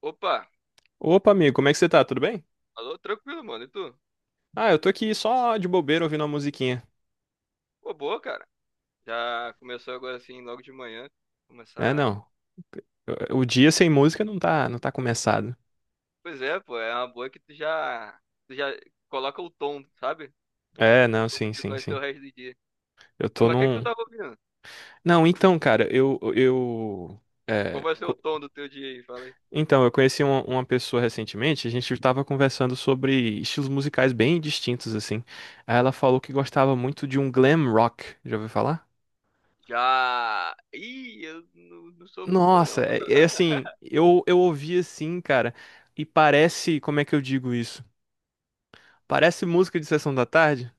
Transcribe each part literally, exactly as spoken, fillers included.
Opa, Opa, amigo, como é que você tá? Tudo bem? alô, tranquilo, mano. E tu? Ah, eu tô aqui só de bobeira ouvindo uma musiquinha. Pô, boa, cara. Já começou agora assim, logo de manhã. É, Começar. não. eu- O dia sem música não tá, não tá começado. Pois é, pô, é uma boa que tu já, tu já coloca o tom, sabe? É, De não, como sim, que sim, vai ser o sim. resto do dia. Eu Ô, tô mas o que que tu num. tava ouvindo? Não, então, cara, eu, eu, Qual é, vai ser o co- tom do teu dia aí? Fala aí. então, eu conheci uma, uma pessoa recentemente, a gente tava conversando sobre estilos musicais bem distintos, assim. Aí ela falou que gostava muito de um glam rock. Já ouviu falar? Já. Ih, eu não, não sou muito fã, não. Nossa, é, é assim, eu, eu ouvi assim, cara, e parece, como é que eu digo isso? Parece música de sessão da tarde.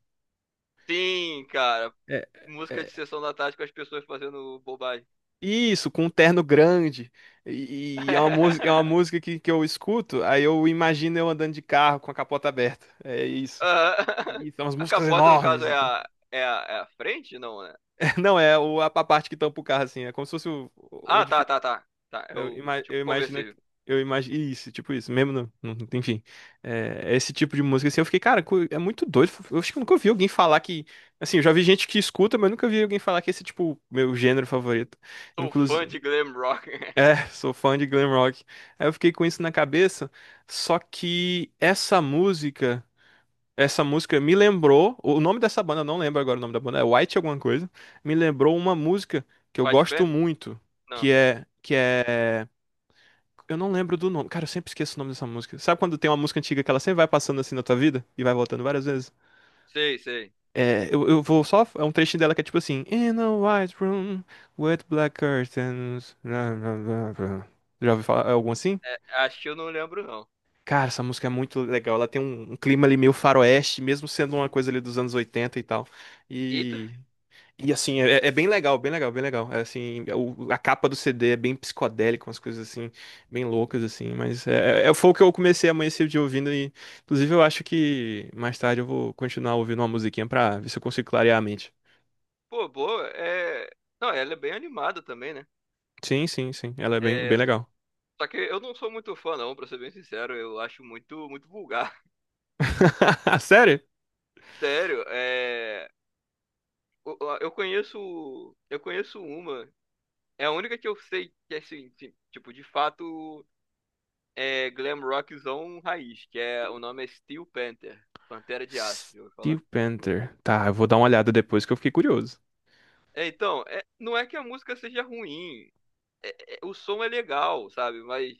Sim, cara. É, Música é, de sessão da tarde com as pessoas fazendo bobagem. isso, com um terno grande. E, e é uma música, é uma música que, que eu escuto, aí eu imagino eu andando de carro com a capota aberta. É isso. Aham. E são as A músicas capota, no caso, enormes é e tal. a, é a, é a frente? Não, né? Não, é o, a, a parte que tampa o carro, assim. É como se fosse o, Ah, tá, onde, tá, tá. Tá, é Eu, o ima- tipo eu imagino. conversível. que- Eu imagino. Isso, tipo isso, mesmo. não no- enfim. É, esse tipo de música, assim, eu fiquei, cara, cu- é muito doido. Eu acho que eu nunca ouvi alguém falar que. Assim, eu já vi gente que escuta, mas eu nunca vi alguém falar que esse, é, tipo, meu gênero favorito. Sou fã Inclusive. de glam rock. É, sou fã de glam rock. Aí eu fiquei com isso na cabeça. Só que essa música. Essa música me lembrou. O nome dessa banda, eu não lembro agora o nome da banda, é White alguma coisa. Me lembrou uma música que eu White gosto Panther? muito. Não. Que é. Que é. Eu não lembro do nome. Cara, eu sempre esqueço o nome dessa música. Sabe quando tem uma música antiga que ela sempre vai passando assim na tua vida? E vai voltando várias vezes? Sei, sei. É, eu, eu vou só. É um trechinho dela que é tipo assim: "In a white room with black curtains, blá, blá, blá, blá." Já ouviu falar algum assim? É, acho que eu não lembro, não. Cara, essa música é muito legal. Ela tem um, um clima ali meio faroeste, mesmo sendo uma coisa ali dos anos oitenta e tal. E, tu- E E assim, é, é bem legal, bem legal, bem legal. É, assim, o- a capa do C D é bem psicodélica, umas coisas assim, bem loucas, assim, mas é, é, é, foi o que eu comecei a amanhecer o dia ouvindo, e inclusive eu acho que mais tarde eu vou continuar ouvindo uma musiquinha pra ver se eu consigo clarear a mente. pô, boa, é. Não, ela é bem animada também, né? Sim, sim, sim, ela é bem, É. bem legal. Só que eu não sou muito fã, não, pra ser bem sincero. Eu acho muito, muito vulgar. Sério? Sério, é. o- o- Eu conheço... Eu conheço uma. É a única que eu sei que, assim, assim, tipo, de fato é glam rockzão raiz, que é o nome é Steel Panther, Pantera de Aço, eu vou falar. Steel Panther. Tá, eu vou dar uma olhada depois que eu fiquei curioso. É, então, é, não é que a música seja ruim. É- é- o som é legal, sabe? Mas,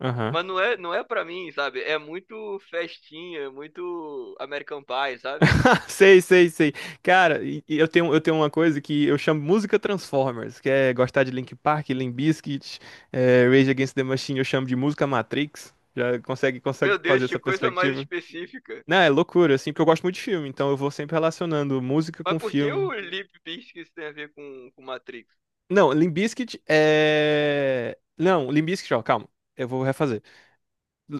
Aham. mas não é, não é para mim, sabe? É muito festinha, é muito American Pie, sabe? Sei, sei, sei. Cara, e- e eu tenho, eu tenho uma coisa que eu chamo música Transformers, que é gostar de Linkin Park, Limp Bizkit, é, Rage Against the Machine, eu chamo de música Matrix. Já consegue, consegue Meu fazer Deus, que essa coisa mais perspectiva? específica. Não, é loucura, assim, porque eu gosto muito de filme, então eu vou sempre relacionando música Mas com por que filme. o Limp Bizkit tem a ver com, com Matrix? Não, Limp Bizkit é... Não, Limp Bizkit, ó, calma, eu vou refazer.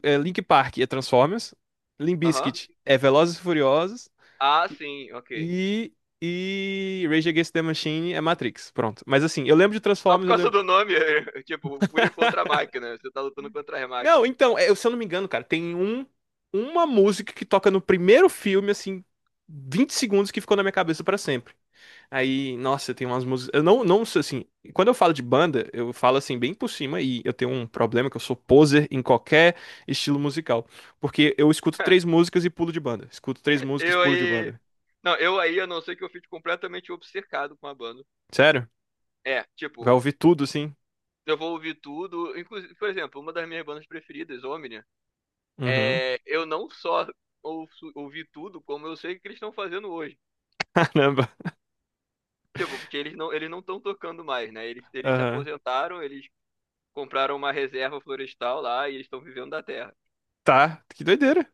É, Linkin Park é Transformers, Limp Aham. Bizkit é Velozes e Furiosos, Ah, sim, ok. E, e Rage Against the Machine é Matrix, pronto. Mas assim, eu lembro de Só por Transformers, eu causa lembro... do nome, tipo, Fúria contra a Máquina, você tá lutando contra a Não, Máquina. então, é, se eu não me engano, cara, tem um, uma música que toca no primeiro filme, assim, vinte segundos que ficou na minha cabeça pra sempre. Aí, nossa, tem umas músicas... Eu não, não sei, assim, quando eu falo de banda, eu falo, assim, bem por cima, e eu tenho um problema que eu sou poser em qualquer estilo musical. Porque eu escuto três músicas e pulo de banda. Escuto três músicas, Eu pulo de aí, banda. Não, eu aí, a não ser que eu fique completamente obcecado com a banda. Sério? É, Vai tipo, ouvir tudo, assim? eu vou ouvir tudo. Inclusive, por exemplo, uma das minhas bandas preferidas, Omnia, Uhum. é, eu não só ouço- ouvi tudo, como eu sei o que eles estão fazendo hoje. Caramba. Tipo, porque eles não eles não estão tocando mais, né? Eles, eles se Aham. aposentaram. Eles compraram uma reserva florestal lá e eles estão vivendo da terra. Tá, que doideira.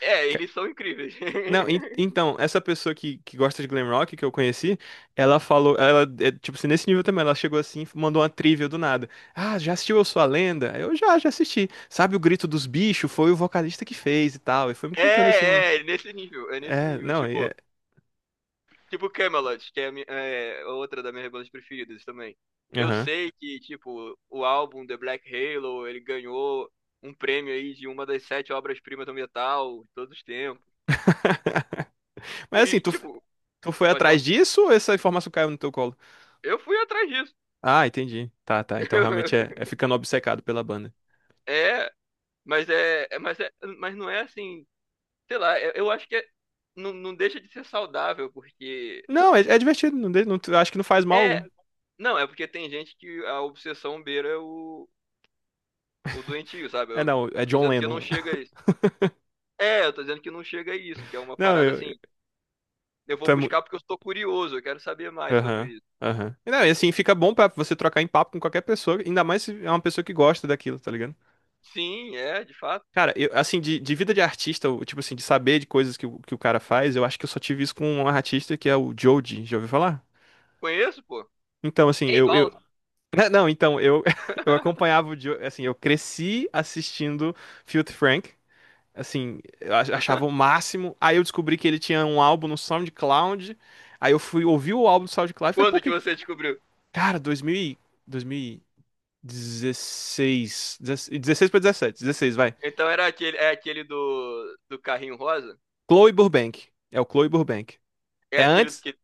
É, Ca- eles são incríveis. Não, en- então, essa pessoa que, que gosta de glam rock que eu conheci, ela falou, ela, é, tipo assim, nesse nível também, ela chegou assim, mandou uma trivia do nada. Ah, já assistiu Eu Sou a Lenda? Eu já, já assisti. Sabe o Grito dos Bichos? Foi o vocalista que fez e tal. E foi me contando assim, uma... É, é, nesse nível, é nesse É, nível. não, é... Tipo, Tipo Camelot, que é, a mi- é é outra das minhas bandas preferidas também. Eu Aham. sei que, tipo, o álbum The Black Halo, ele ganhou um prêmio aí de uma das sete obras-primas do metal de todos os tempos. Mas assim, E, tu, tipo, tu foi pode atrás falar, disso ou essa informação caiu no teu colo? eu fui atrás disso. Ah, entendi. Tá, tá. Então realmente é, é ficando obcecado pela banda. É, mas é, é- mas é, mas não é assim, sei lá, eu, eu acho que é- não, não deixa de ser saudável, porque Não, é, é divertido. Não, de- não- acho que não faz mal algum. é, não, é porque tem gente que a obsessão beira o, o doentio, sabe? É, Eu não, é tô John dizendo que eu não Lennon. chega a isso. É, eu tô dizendo que não chega a isso, que é uma Não, parada assim. eu, Eu vou Tu é muito. buscar porque eu estou curioso, eu quero saber mais sobre Aham, isso. aham. E Não, e assim, fica bom pra você trocar em papo com qualquer pessoa, ainda mais se é uma pessoa que gosta daquilo, tá ligado? Sim, é, de fato. Cara, eu, assim, de, de vida de artista, o- tipo assim, de saber de coisas que, o- que o cara faz, eu acho que eu só tive isso com um artista que é o Joji, já ouviu falar? Conheço, pô. Então, assim, Ei, eu, eu... Balls. Não, então, eu, eu acompanhava o Joe, assim, eu cresci assistindo Filthy Frank, assim, eu ach- achava o máximo, aí eu descobri que ele tinha um álbum no SoundCloud, aí eu fui ouvir o álbum do SoundCloud e falei, pô, Quando que que, você descobriu? cara, dois mil e... dezesseis. Dezesseis pra dezessete. Dezesseis vai. Então era aquele, é aquele do, do carrinho rosa? Chloe Burbank. É o Chloe Burbank. É É aquele antes. que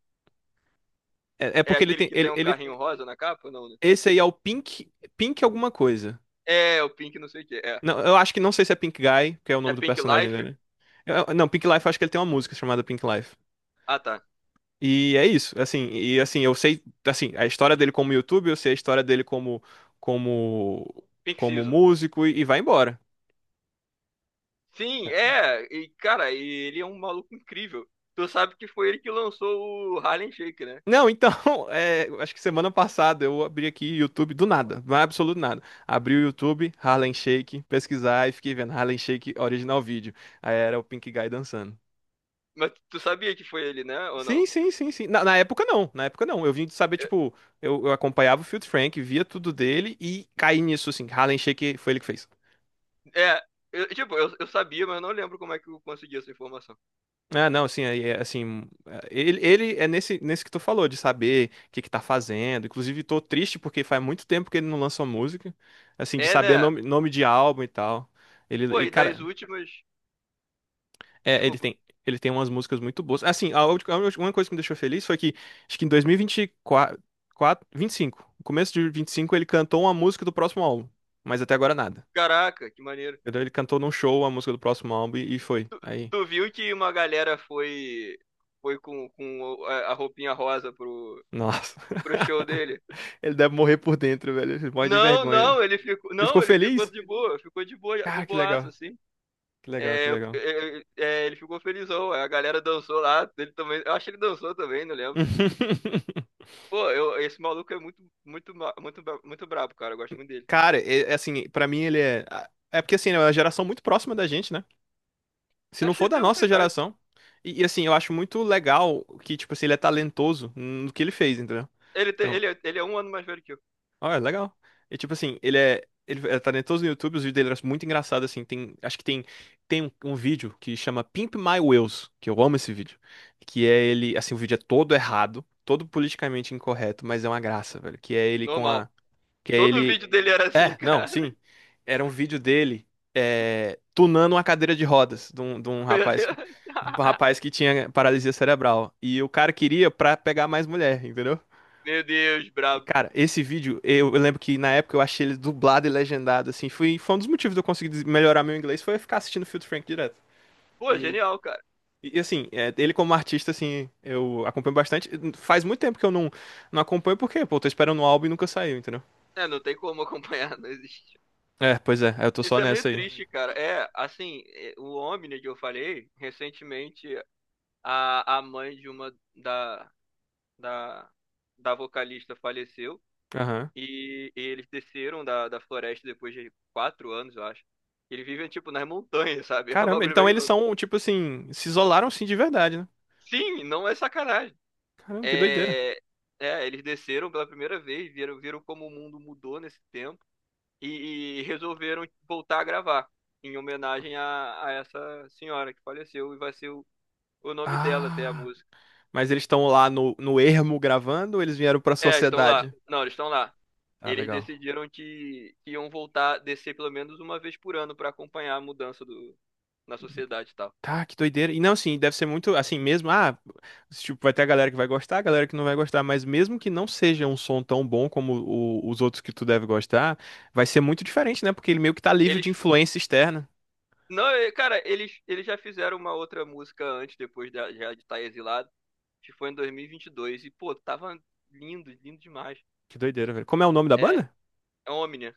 É, é É porque ele aquele tem. que tem Ele, um ele, carrinho rosa na capa? Não, né? esse aí é o Pink. Pink alguma coisa. É, o Pink não sei o que. É. Não, eu acho que não sei se é Pink Guy, que é o É nome do Pink personagem Life? dele. Eu- eu- não, Pink Life, eu acho que ele tem uma música chamada Pink Life. Ah, tá. E é isso, assim, e assim, eu sei, assim, a história dele como YouTube, eu sei a história dele como como Pink como Season. músico e, e vai embora. Sim, é. E, cara, e ele é um maluco incrível. Tu sabe que foi ele que lançou o Harlem Shake, né? Não, então, é, acho que semana passada eu abri aqui o YouTube do nada, não é absoluto nada. Abri o YouTube, Harlem Shake, pesquisar e fiquei vendo Harlem Shake original vídeo. Aí era o Pink Guy dançando. Mas tu sabia que foi ele, né? Ou Sim, não? sim, sim, sim. Na, na época não, na época não. Eu vim de saber, tipo, eu, eu acompanhava o Filthy Frank, via tudo dele e caí nisso, assim. Harlem Shake foi ele que fez. É, eu, tipo, eu, eu sabia, mas eu não lembro como é que eu consegui essa informação. Ah, não, assim, é- é, assim, hum, é, ele, ele é nesse, nesse, que tu falou, de saber o que que tá fazendo. Inclusive, tô triste porque faz muito tempo que ele não lançou música, assim, de É, saber né? nome, nome de álbum e tal. Ele, Pô, e, e das cara, últimas. é, ele Desculpa. tem, ele tem umas músicas muito boas. Assim, a, ulti- uma coisa que me deixou feliz foi que, acho que em dois mil e vinte e quatro, vinte e cinco, no começo de vinte e cinco, ele cantou uma música do próximo álbum, mas até agora nada. Caraca, que maneiro. Entendeu? Ele cantou num show a música do próximo álbum e, e foi. Aí, Tu viu que uma galera foi. Foi com, com o- a a roupinha rosa pro, nossa. pro show dele? Ele deve morrer por dentro, velho. Ele morre de Não, vergonha. não, ele ficou. Ele ficou Não, ele ficou feliz? de boa, ficou de boa, de Cara, que boaça, legal. assim. Que legal, que É, legal. é, é, é, ele ficou felizão. A galera dançou lá, ele também. Eu acho que ele dançou também, não lembro. Pô, eu, esse maluco é muito, muito, ma- muito, bra- muito brabo, cara. Eu gosto muito dele. Cara, é, é assim, pra mim ele é. É porque assim, né, é uma geração muito próxima da gente, né? Se Eu não achei for que da tem nossa. nossa geração. E, e, assim, eu acho muito legal que, tipo assim, ele é talentoso no que ele fez, entendeu? Ele, tem- Então, ele, é- ele é um ano mais velho que eu. Olha, legal. E tipo assim, ele é. Ele é talentoso no YouTube, os vídeos dele eram muito engraçados, assim. Tem, acho que tem, tem um, um vídeo que chama Pimp My Wheels, que eu amo esse vídeo. Que é ele, assim, o vídeo é todo errado, todo politicamente incorreto, mas é uma graça, velho. Que é ele com Normal. a. Que é Todo ele. vídeo dele era assim, É, não, cara. sim. Era um vídeo dele é, tunando uma cadeira de rodas de um, de um Meu rapaz. Deus. De um rapaz que tinha paralisia cerebral. E o cara queria pra pegar mais mulher, entendeu? Meu Deus, E, brabo. cara, esse vídeo, eu, eu lembro que na época eu achei ele dublado e legendado, assim. Foi, foi um dos motivos de eu conseguir des- melhorar meu inglês, foi eu ficar assistindo Filtro Frank direto. Pô, E, genial, cara. e assim, é, ele como artista, assim, eu acompanho bastante. Faz muito tempo que eu não, não acompanho, porque, pô, eu tô esperando um álbum e nunca saiu, entendeu? É, não tem como acompanhar, não existe. É, pois é, eu tô só Isso é meio nessa aí. triste, cara. É, assim, é, o Omni que eu falei, recentemente, a, a mãe de uma da, da, da vocalista faleceu Aham. e, e eles desceram da, da floresta depois de quatro anos, eu acho. Eles vivem, tipo, nas montanhas, sabe? É um Caramba, bagulho então bem eles louco. são, tipo assim, se isolaram assim de verdade, né? Sim, não é sacanagem. Caramba, que doideira. É, é, eles desceram pela primeira vez, viram, viram como o mundo mudou nesse tempo e, e resolveram voltar a gravar em homenagem a, a essa senhora que faleceu e vai ser o, o nome dela até a Ah. música. Mas eles estão lá no, no ermo gravando ou eles vieram pra É, estão lá. sociedade? Não, eles estão lá. Ah, Eles legal. decidiram que, que iam voltar, descer pelo menos uma vez por ano para acompanhar a mudança do, na sociedade e tal. Tá, que doideira. E não, assim, deve ser muito assim mesmo. Ah, tipo, vai ter a galera que vai gostar, a galera que não vai gostar, mas mesmo que não seja um som tão bom como o- os outros que tu deve gostar, vai ser muito diferente, né? Porque ele meio que tá livre de Eles, influência externa. não, é, cara, eles, eles já fizeram uma outra música antes, depois da- já de estar exilado, que foi em dois mil e vinte e dois. E, vinte e dois. E, pô, tava lindo, lindo demais. Que doideira, velho. Como é o nome da É, banda? é Omnia.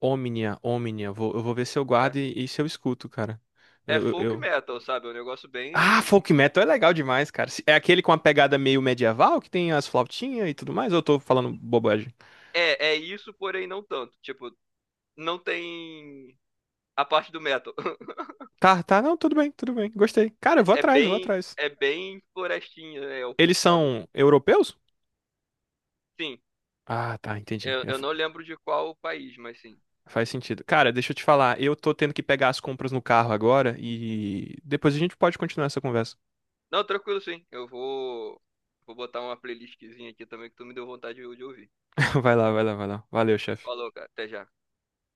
Omnia, Omnia. Vou, eu vou ver se eu É, guardo e, e se eu escuto, cara. é Eu, eu, folk eu- metal, sabe? É um negócio Ah, bem. folk metal é legal demais, cara. Se- É aquele com a pegada meio medieval que tem as flautinhas e tudo mais, ou eu tô falando bobagem? É, é isso, porém não tanto. Tipo, não tem a parte do metal. Tá, tá, não, tudo bem, tudo bem. Gostei. Cara, eu vou É atrás, eu vou bem, atrás. é bem florestinha, é elfo, Eles sabe? são europeus? Sim, Ah, tá, entendi. eu, É, eu fa- não lembro de qual país, mas sim. faz sentido. Cara, deixa eu te falar, eu tô tendo que pegar as compras no carro agora e depois a gente pode continuar essa conversa. Não, tranquilo, sim. Eu vou, vou botar uma playlistzinha aqui também que tu me deu vontade de de ouvir. Vai lá, vai lá, vai lá. Valeu, chefe. Falou, cara. Até já.